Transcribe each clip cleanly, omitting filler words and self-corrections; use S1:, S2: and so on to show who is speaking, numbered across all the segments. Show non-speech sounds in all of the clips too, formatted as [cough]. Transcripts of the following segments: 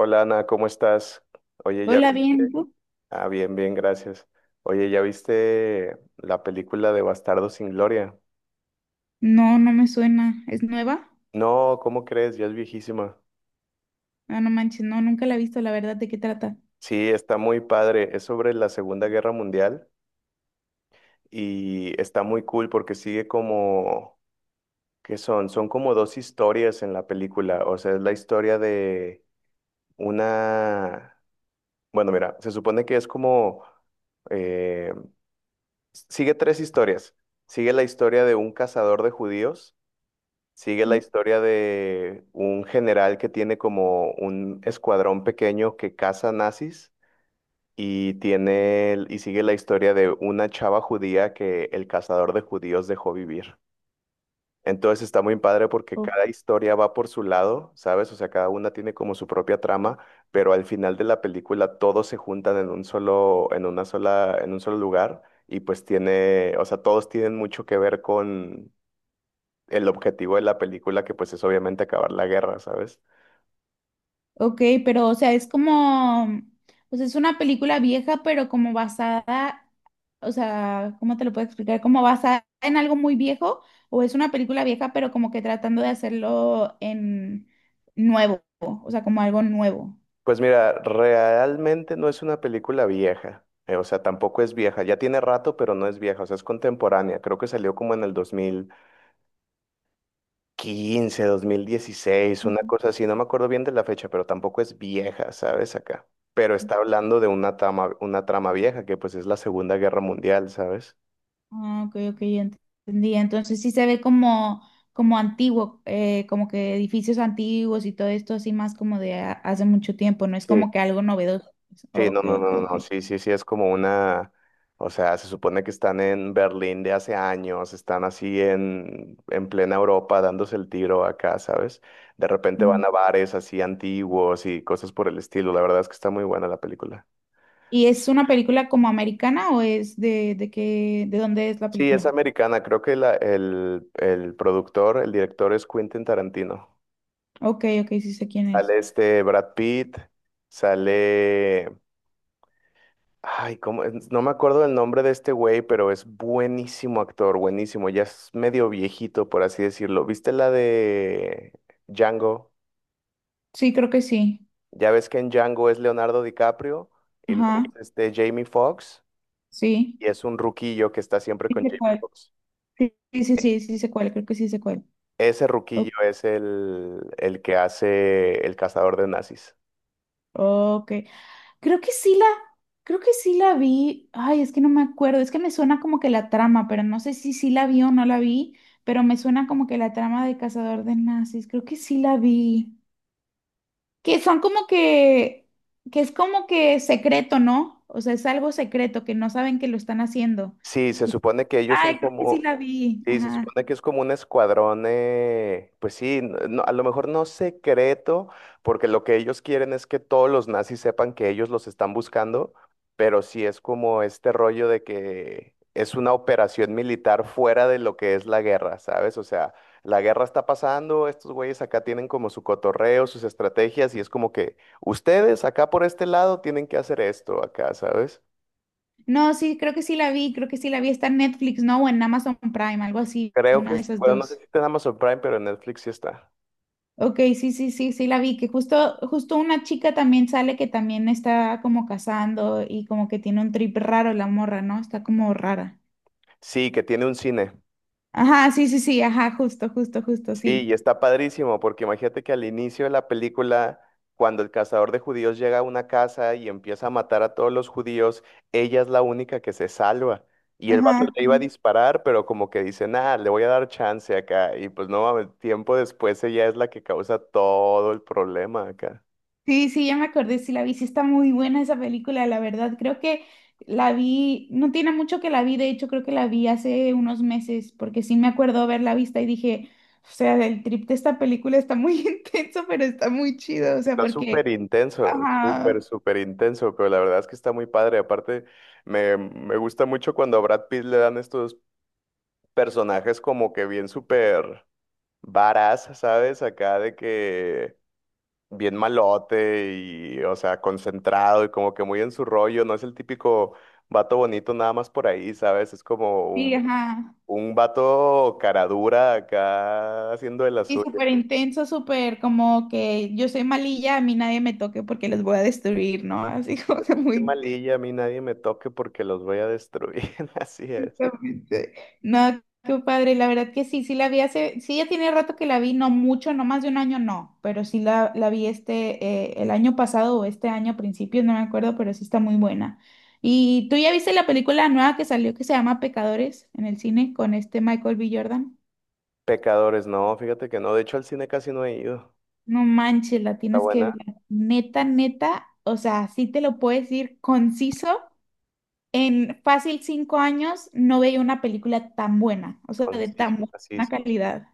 S1: Hola Ana, ¿cómo estás? Oye, ya
S2: Hola,
S1: viste.
S2: bien, ¿tú?
S1: Ah, bien, bien, gracias. Oye, ¿ya viste la película de Bastardos sin Gloria?
S2: No, no me suena. ¿Es nueva?
S1: No, ¿cómo crees? Ya es viejísima.
S2: Ah, no manches, no, nunca la he visto, la verdad, ¿de qué trata?
S1: Sí, está muy padre. Es sobre la Segunda Guerra Mundial y está muy cool porque sigue como, ¿qué son? Son como dos historias en la película. O sea, es la historia de una. Bueno, mira, se supone que es como, eh, sigue tres historias. Sigue la historia de un cazador de judíos. Sigue la
S2: Sí.
S1: historia de un general que tiene como un escuadrón pequeño que caza nazis, y sigue la historia de una chava judía que el cazador de judíos dejó vivir. Entonces está muy padre porque
S2: O-
S1: cada historia va por su lado, ¿sabes? O sea, cada una tiene como su propia trama, pero al final de la película todos se juntan en un solo, en una sola, en un solo lugar y pues tiene, o sea, todos tienen mucho que ver con el objetivo de la película, que pues es obviamente acabar la guerra, ¿sabes?
S2: ok, pero, o sea, es como, pues es una película vieja, pero como basada, o sea, ¿cómo te lo puedo explicar? ¿Como basada en algo muy viejo? ¿O es una película vieja, pero como que tratando de hacerlo en nuevo? O sea, como algo nuevo.
S1: Pues mira, realmente no es una película vieja, o sea, tampoco es vieja, ya tiene rato, pero no es vieja, o sea, es contemporánea, creo que salió como en el dos mil quince, 2016, una cosa así, no me acuerdo bien de la fecha, pero tampoco es vieja, ¿sabes? Acá. Pero está hablando de una trama vieja, que pues es la Segunda Guerra Mundial, ¿sabes?
S2: Ah, ok, ok, ya entendí. Entonces sí se ve como, como antiguo, como que edificios antiguos y todo esto así más como de hace mucho tiempo, no es
S1: Sí.
S2: como que algo novedoso.
S1: Sí, no,
S2: Ok,
S1: no,
S2: ok,
S1: no,
S2: ok.
S1: no, sí, sí, sí, es como una, o sea, se supone que están en Berlín de hace años, están así en plena Europa dándose el tiro acá, ¿sabes? De repente van
S2: Ujú.
S1: a bares así antiguos y cosas por el estilo, la verdad es que está muy buena la película.
S2: ¿Y es una película como americana o es de qué, de dónde es la
S1: Sí, es
S2: película?
S1: americana, creo que el productor, el director es Quentin Tarantino.
S2: Ok, ok, sí sé quién es.
S1: Sale este Brad Pitt, sale. Ay, no me acuerdo el nombre de este güey, pero es buenísimo actor, buenísimo. Ya es medio viejito, por así decirlo. ¿Viste la de Django?
S2: Sí, creo que sí.
S1: Ya ves que en Django es Leonardo DiCaprio y
S2: Ajá,
S1: luego es este Jamie Foxx
S2: sí.
S1: y es un ruquillo que está siempre
S2: Sí
S1: con
S2: sé
S1: Jamie
S2: cuál.
S1: Foxx.
S2: Sí, sí, sí,
S1: E-
S2: sí, sí sé cuál, creo que sí sé cuál.
S1: Ese ruquillo
S2: O-
S1: es el que hace el cazador de nazis.
S2: Ok. Creo que sí la, creo que sí la vi. Ay, es que no me acuerdo. Es que me suena como que la trama, pero no sé si sí la vi o no la vi, pero me suena como que la trama de Cazador de Nazis. Creo que sí la vi. Que son como que, que es como que secreto, ¿no? O sea, es algo secreto, que no saben que lo están haciendo.
S1: Sí, se
S2: Que-
S1: supone que ellos son
S2: Ay, creo que sí
S1: como,
S2: la vi.
S1: sí, se
S2: Ajá.
S1: supone que es como un escuadrón, pues sí, a lo mejor no secreto, porque lo que ellos quieren es que todos los nazis sepan que ellos los están buscando, pero sí es como este rollo de que es una operación militar fuera de lo que es la guerra, ¿sabes? O sea, la guerra está pasando, estos güeyes acá tienen como su cotorreo, sus estrategias, y es como que ustedes acá por este lado tienen que hacer esto acá, ¿sabes?
S2: No, sí, creo que sí la vi, creo que sí la vi. Está en Netflix, ¿no? O en Amazon Prime, algo así,
S1: Creo que,
S2: una de esas
S1: bueno, no sé
S2: dos.
S1: si está en Amazon Prime, pero en Netflix sí está.
S2: Ok, sí, sí, sí, sí, la vi, que justo, justo una chica también sale que también está como cazando y como que tiene un trip raro la morra, ¿no? Está como rara.
S1: Sí, que tiene un cine.
S2: Ajá, sí, sí, sí, ajá, justo, justo, justo,
S1: Sí,
S2: sí.
S1: y está padrísimo, porque imagínate que al inicio de la película, cuando el cazador de judíos llega a una casa y empieza a matar a todos los judíos, ella es la única que se salva. Y el vato
S2: Ajá.
S1: le iba a
S2: Sí,
S1: disparar, pero como que dice, nada, le voy a dar chance acá. Y pues no, mames, tiempo después ella es la que causa todo el problema acá.
S2: sí, sí, ya me acordé, sí la vi, sí está muy buena esa película, la verdad, creo que la vi, no tiene mucho que la vi, de hecho creo que la vi hace unos meses, porque sí me acuerdo haberla vista y dije, o sea, el trip de esta película está muy [laughs] intenso, pero está muy chido, o sea,
S1: Está súper
S2: porque...
S1: intenso, súper,
S2: Ajá.
S1: súper intenso, pero la verdad es que está muy padre. Aparte, me gusta mucho cuando a Brad Pitt le dan estos personajes como que bien súper varas, ¿sabes? Acá de que bien malote y, o sea, concentrado y como que muy en su rollo, no es el típico vato bonito nada más por ahí, ¿sabes? Es como
S2: Sí, ajá.
S1: un vato cara dura acá haciendo de las
S2: Y
S1: suyas.
S2: súper intenso, súper como que yo soy malilla, a mí nadie me toque porque los voy a destruir, ¿no? Así [laughs] como que
S1: Qué
S2: muy
S1: malilla, a mí nadie me toque porque los voy a destruir, [laughs] así es.
S2: intensamente. No, qué padre, la verdad que sí, sí ya tiene rato que la vi, no mucho, no más de un año, no, pero la vi el año pasado o este año a principios, no me acuerdo, pero sí está muy buena. ¿Y tú ya viste la película nueva que salió que se llama Pecadores en el cine con este Michael B. Jordan?
S1: Pecadores, no, fíjate que no, de hecho al cine casi no he ido.
S2: No manches, la
S1: Está
S2: tienes que
S1: buena,
S2: ver. Neta, neta, o sea, sí te lo puedes decir conciso. En fácil 5 años no veía una película tan buena, o sea, de
S1: conciso,
S2: tan
S1: y
S2: buena
S1: conciso.
S2: calidad.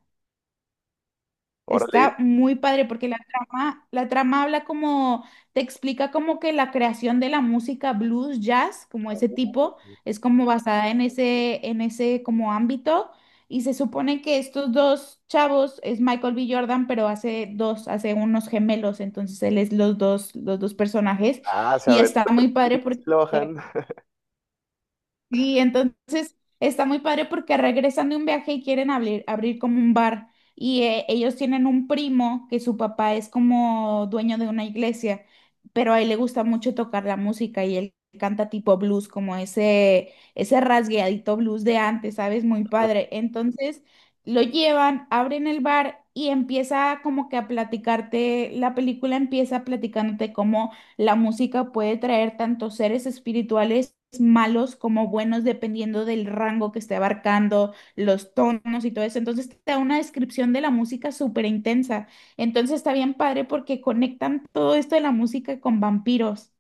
S1: Órale.
S2: Está muy padre porque la trama habla como, te explica como que la creación de la música blues, jazz, como ese tipo, es como basada en en ese como ámbito. Y se supone que estos dos chavos es Michael B. Jordan, pero hace unos gemelos, entonces él es los dos personajes.
S1: Ah, se
S2: Y está
S1: aventó
S2: muy
S1: el
S2: padre
S1: Lindsay
S2: porque
S1: Lohan.
S2: Sí, entonces está muy padre porque regresan de un viaje y quieren abrir como un bar y ellos tienen un primo que su papá es como dueño de una iglesia, pero a él le gusta mucho tocar la música y él canta tipo blues, como ese rasgueadito blues de antes, ¿sabes? Muy padre.
S1: [laughs]
S2: Entonces lo llevan, abren el bar y empieza como que a platicarte, la película empieza platicándote cómo la música puede traer tanto seres espirituales malos como buenos, dependiendo del rango que esté abarcando, los tonos y todo eso. Entonces te da una descripción de la música súper intensa. Entonces está bien padre porque conectan todo esto de la música con vampiros.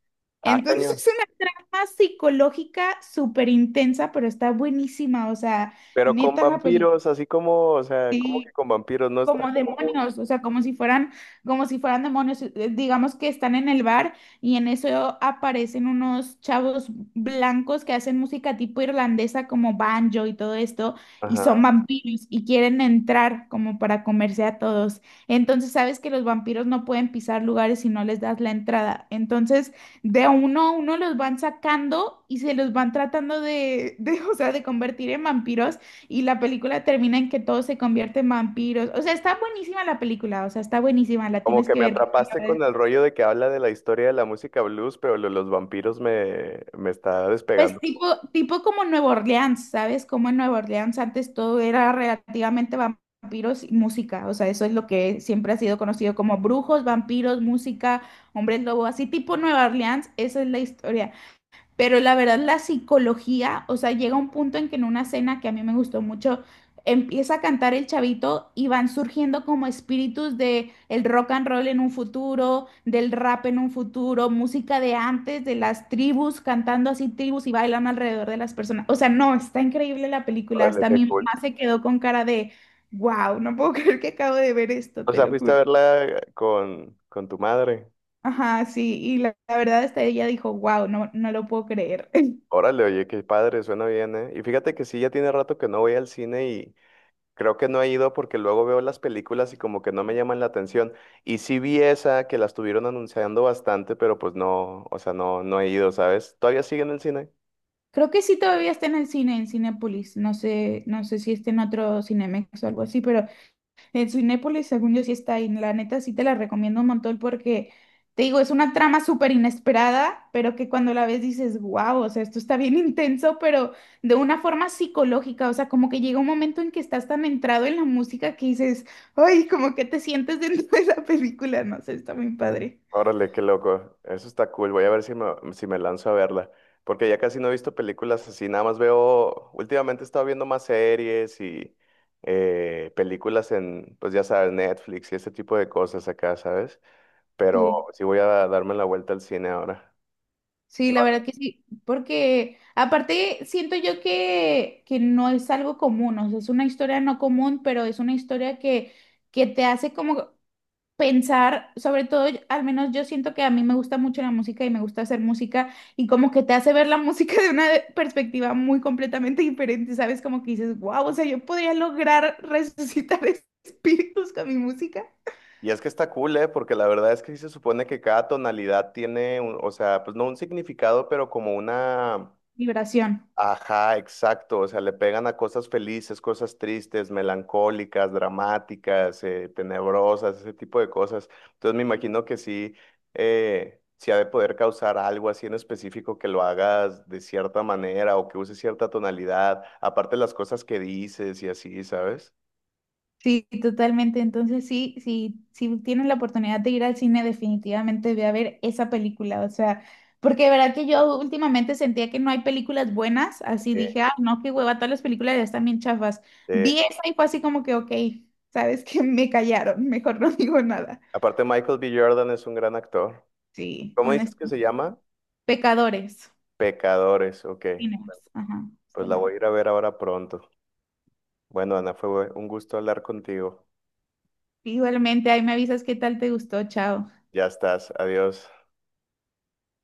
S1: Ah,
S2: Entonces
S1: cañón.
S2: es una trama psicológica súper intensa, pero está buenísima. O sea,
S1: Pero con
S2: neta la película
S1: vampiros, así como, o sea, como que con vampiros no está
S2: como
S1: como muy.
S2: demonios, o sea, como si fueran demonios. Digamos que están en el bar y en eso aparecen unos chavos blancos que hacen música tipo irlandesa como banjo y todo esto, y son
S1: Ajá.
S2: vampiros y quieren entrar como para comerse a todos. Entonces sabes que los vampiros no pueden pisar lugares si no les das la entrada. Entonces de uno a uno los van sacando y se los van tratando de, [laughs] de, o sea, de convertir en vampiros y la película termina en que todos se convierten en vampiros. O sea, está buenísima la película, o sea, está buenísima, la
S1: Como
S2: tienes
S1: que
S2: que
S1: me
S2: ver. Porque la
S1: atrapaste
S2: verdad-
S1: con el rollo de que habla de la historia de la música blues, pero lo de los vampiros me está
S2: Pues
S1: despegando.
S2: tipo, tipo como Nueva Orleans, ¿sabes? Como en Nueva Orleans antes todo era relativamente vampiros y música. O sea, eso es lo que siempre ha sido conocido como brujos, vampiros, música, hombres lobo, así tipo Nueva Orleans, esa es la historia. Pero la verdad, la psicología, o sea, llega un punto en que en una cena que a mí me gustó mucho, empieza a cantar el chavito y van surgiendo como espíritus de el rock and roll en un futuro, del rap en un futuro, música de antes, de las tribus, cantando así tribus y bailando alrededor de las personas. O sea, no, está increíble la película.
S1: Órale,
S2: Hasta
S1: qué
S2: mi
S1: cool.
S2: mamá se quedó con cara de, wow, no puedo [laughs] creer que acabo de ver esto,
S1: O
S2: te
S1: sea,
S2: lo
S1: fuiste a
S2: juro.
S1: verla con tu madre.
S2: Ajá, sí, y la verdad hasta ella dijo, wow, no, no lo puedo creer.
S1: Órale, oye, qué padre, suena bien, ¿eh? Y fíjate que sí, ya tiene rato que no voy al cine. Creo que no he ido porque luego veo las películas y como que no me llaman la atención. Y sí vi esa que la estuvieron anunciando bastante, pero pues no, o sea, no, no he ido, ¿sabes? ¿Todavía sigue en el cine?
S2: Creo que sí todavía está en el cine, en Cinépolis. No sé, no sé si está en otro Cinemex o algo así, pero en Cinépolis, según yo, sí está ahí. La neta, sí te la recomiendo un montón porque, te digo, es una trama súper inesperada, pero que cuando la ves dices, wow, o sea, esto está bien [laughs] intenso, pero de una forma psicológica. O sea, como que llega un momento en que estás tan entrado en la música que dices, ay, como que te sientes dentro [laughs] de la película. No sé, está muy padre.
S1: Órale, qué loco. Eso está cool. Voy a ver si me, si me lanzo a verla. Porque ya casi no he visto películas así. Nada más veo, últimamente he estado viendo más series y películas en, pues ya sabes, Netflix y ese tipo de cosas acá, ¿sabes? Pero
S2: Sí.
S1: sí voy a darme la vuelta al cine ahora.
S2: Sí, la verdad que sí, porque aparte siento yo que no es algo común, o sea, es una historia no común, pero es una historia que te hace como pensar, sobre todo, al menos yo siento que a mí me gusta mucho la música y me gusta hacer música y como que te hace ver la música de una [laughs] perspectiva muy completamente diferente, ¿sabes? Como que dices, wow, o sea, yo podría lograr [laughs] resucitar espíritus con mi música.
S1: Y es que está cool, ¿eh? Porque la verdad es que sí se supone que cada tonalidad tiene, o sea, pues no un significado, pero como una.
S2: Vibración.
S1: Ajá, exacto. O sea, le pegan a cosas felices, cosas tristes, melancólicas, dramáticas, tenebrosas, ese tipo de cosas. Entonces me imagino que sí, sí ha de poder causar algo así en específico que lo hagas de cierta manera o que uses cierta tonalidad, aparte las cosas que dices y así, ¿sabes?
S2: Sí, totalmente. Entonces, sí, sí, si tienes la oportunidad de ir al cine, definitivamente ve a ver esa película. O sea, porque de verdad que yo últimamente sentía que no hay películas buenas, así
S1: Eh,
S2: dije, ah, no, qué hueva, todas las películas ya están bien chafas.
S1: eh,
S2: Vi esa y fue así como que, ok, sabes que me callaron, mejor no [laughs] digo nada.
S1: Aparte Michael B. Jordan es un gran actor.
S2: Sí,
S1: ¿Cómo dices que se
S2: honestamente.
S1: llama?
S2: Pecadores,
S1: Pecadores, ok.
S2: cines, ajá,
S1: Pues
S2: está
S1: la
S2: muy
S1: voy
S2: bueno.
S1: a ir a ver ahora pronto. Bueno, Ana, fue un gusto hablar contigo.
S2: Igualmente, ahí me avisas qué tal te gustó, chao.
S1: Ya estás, adiós.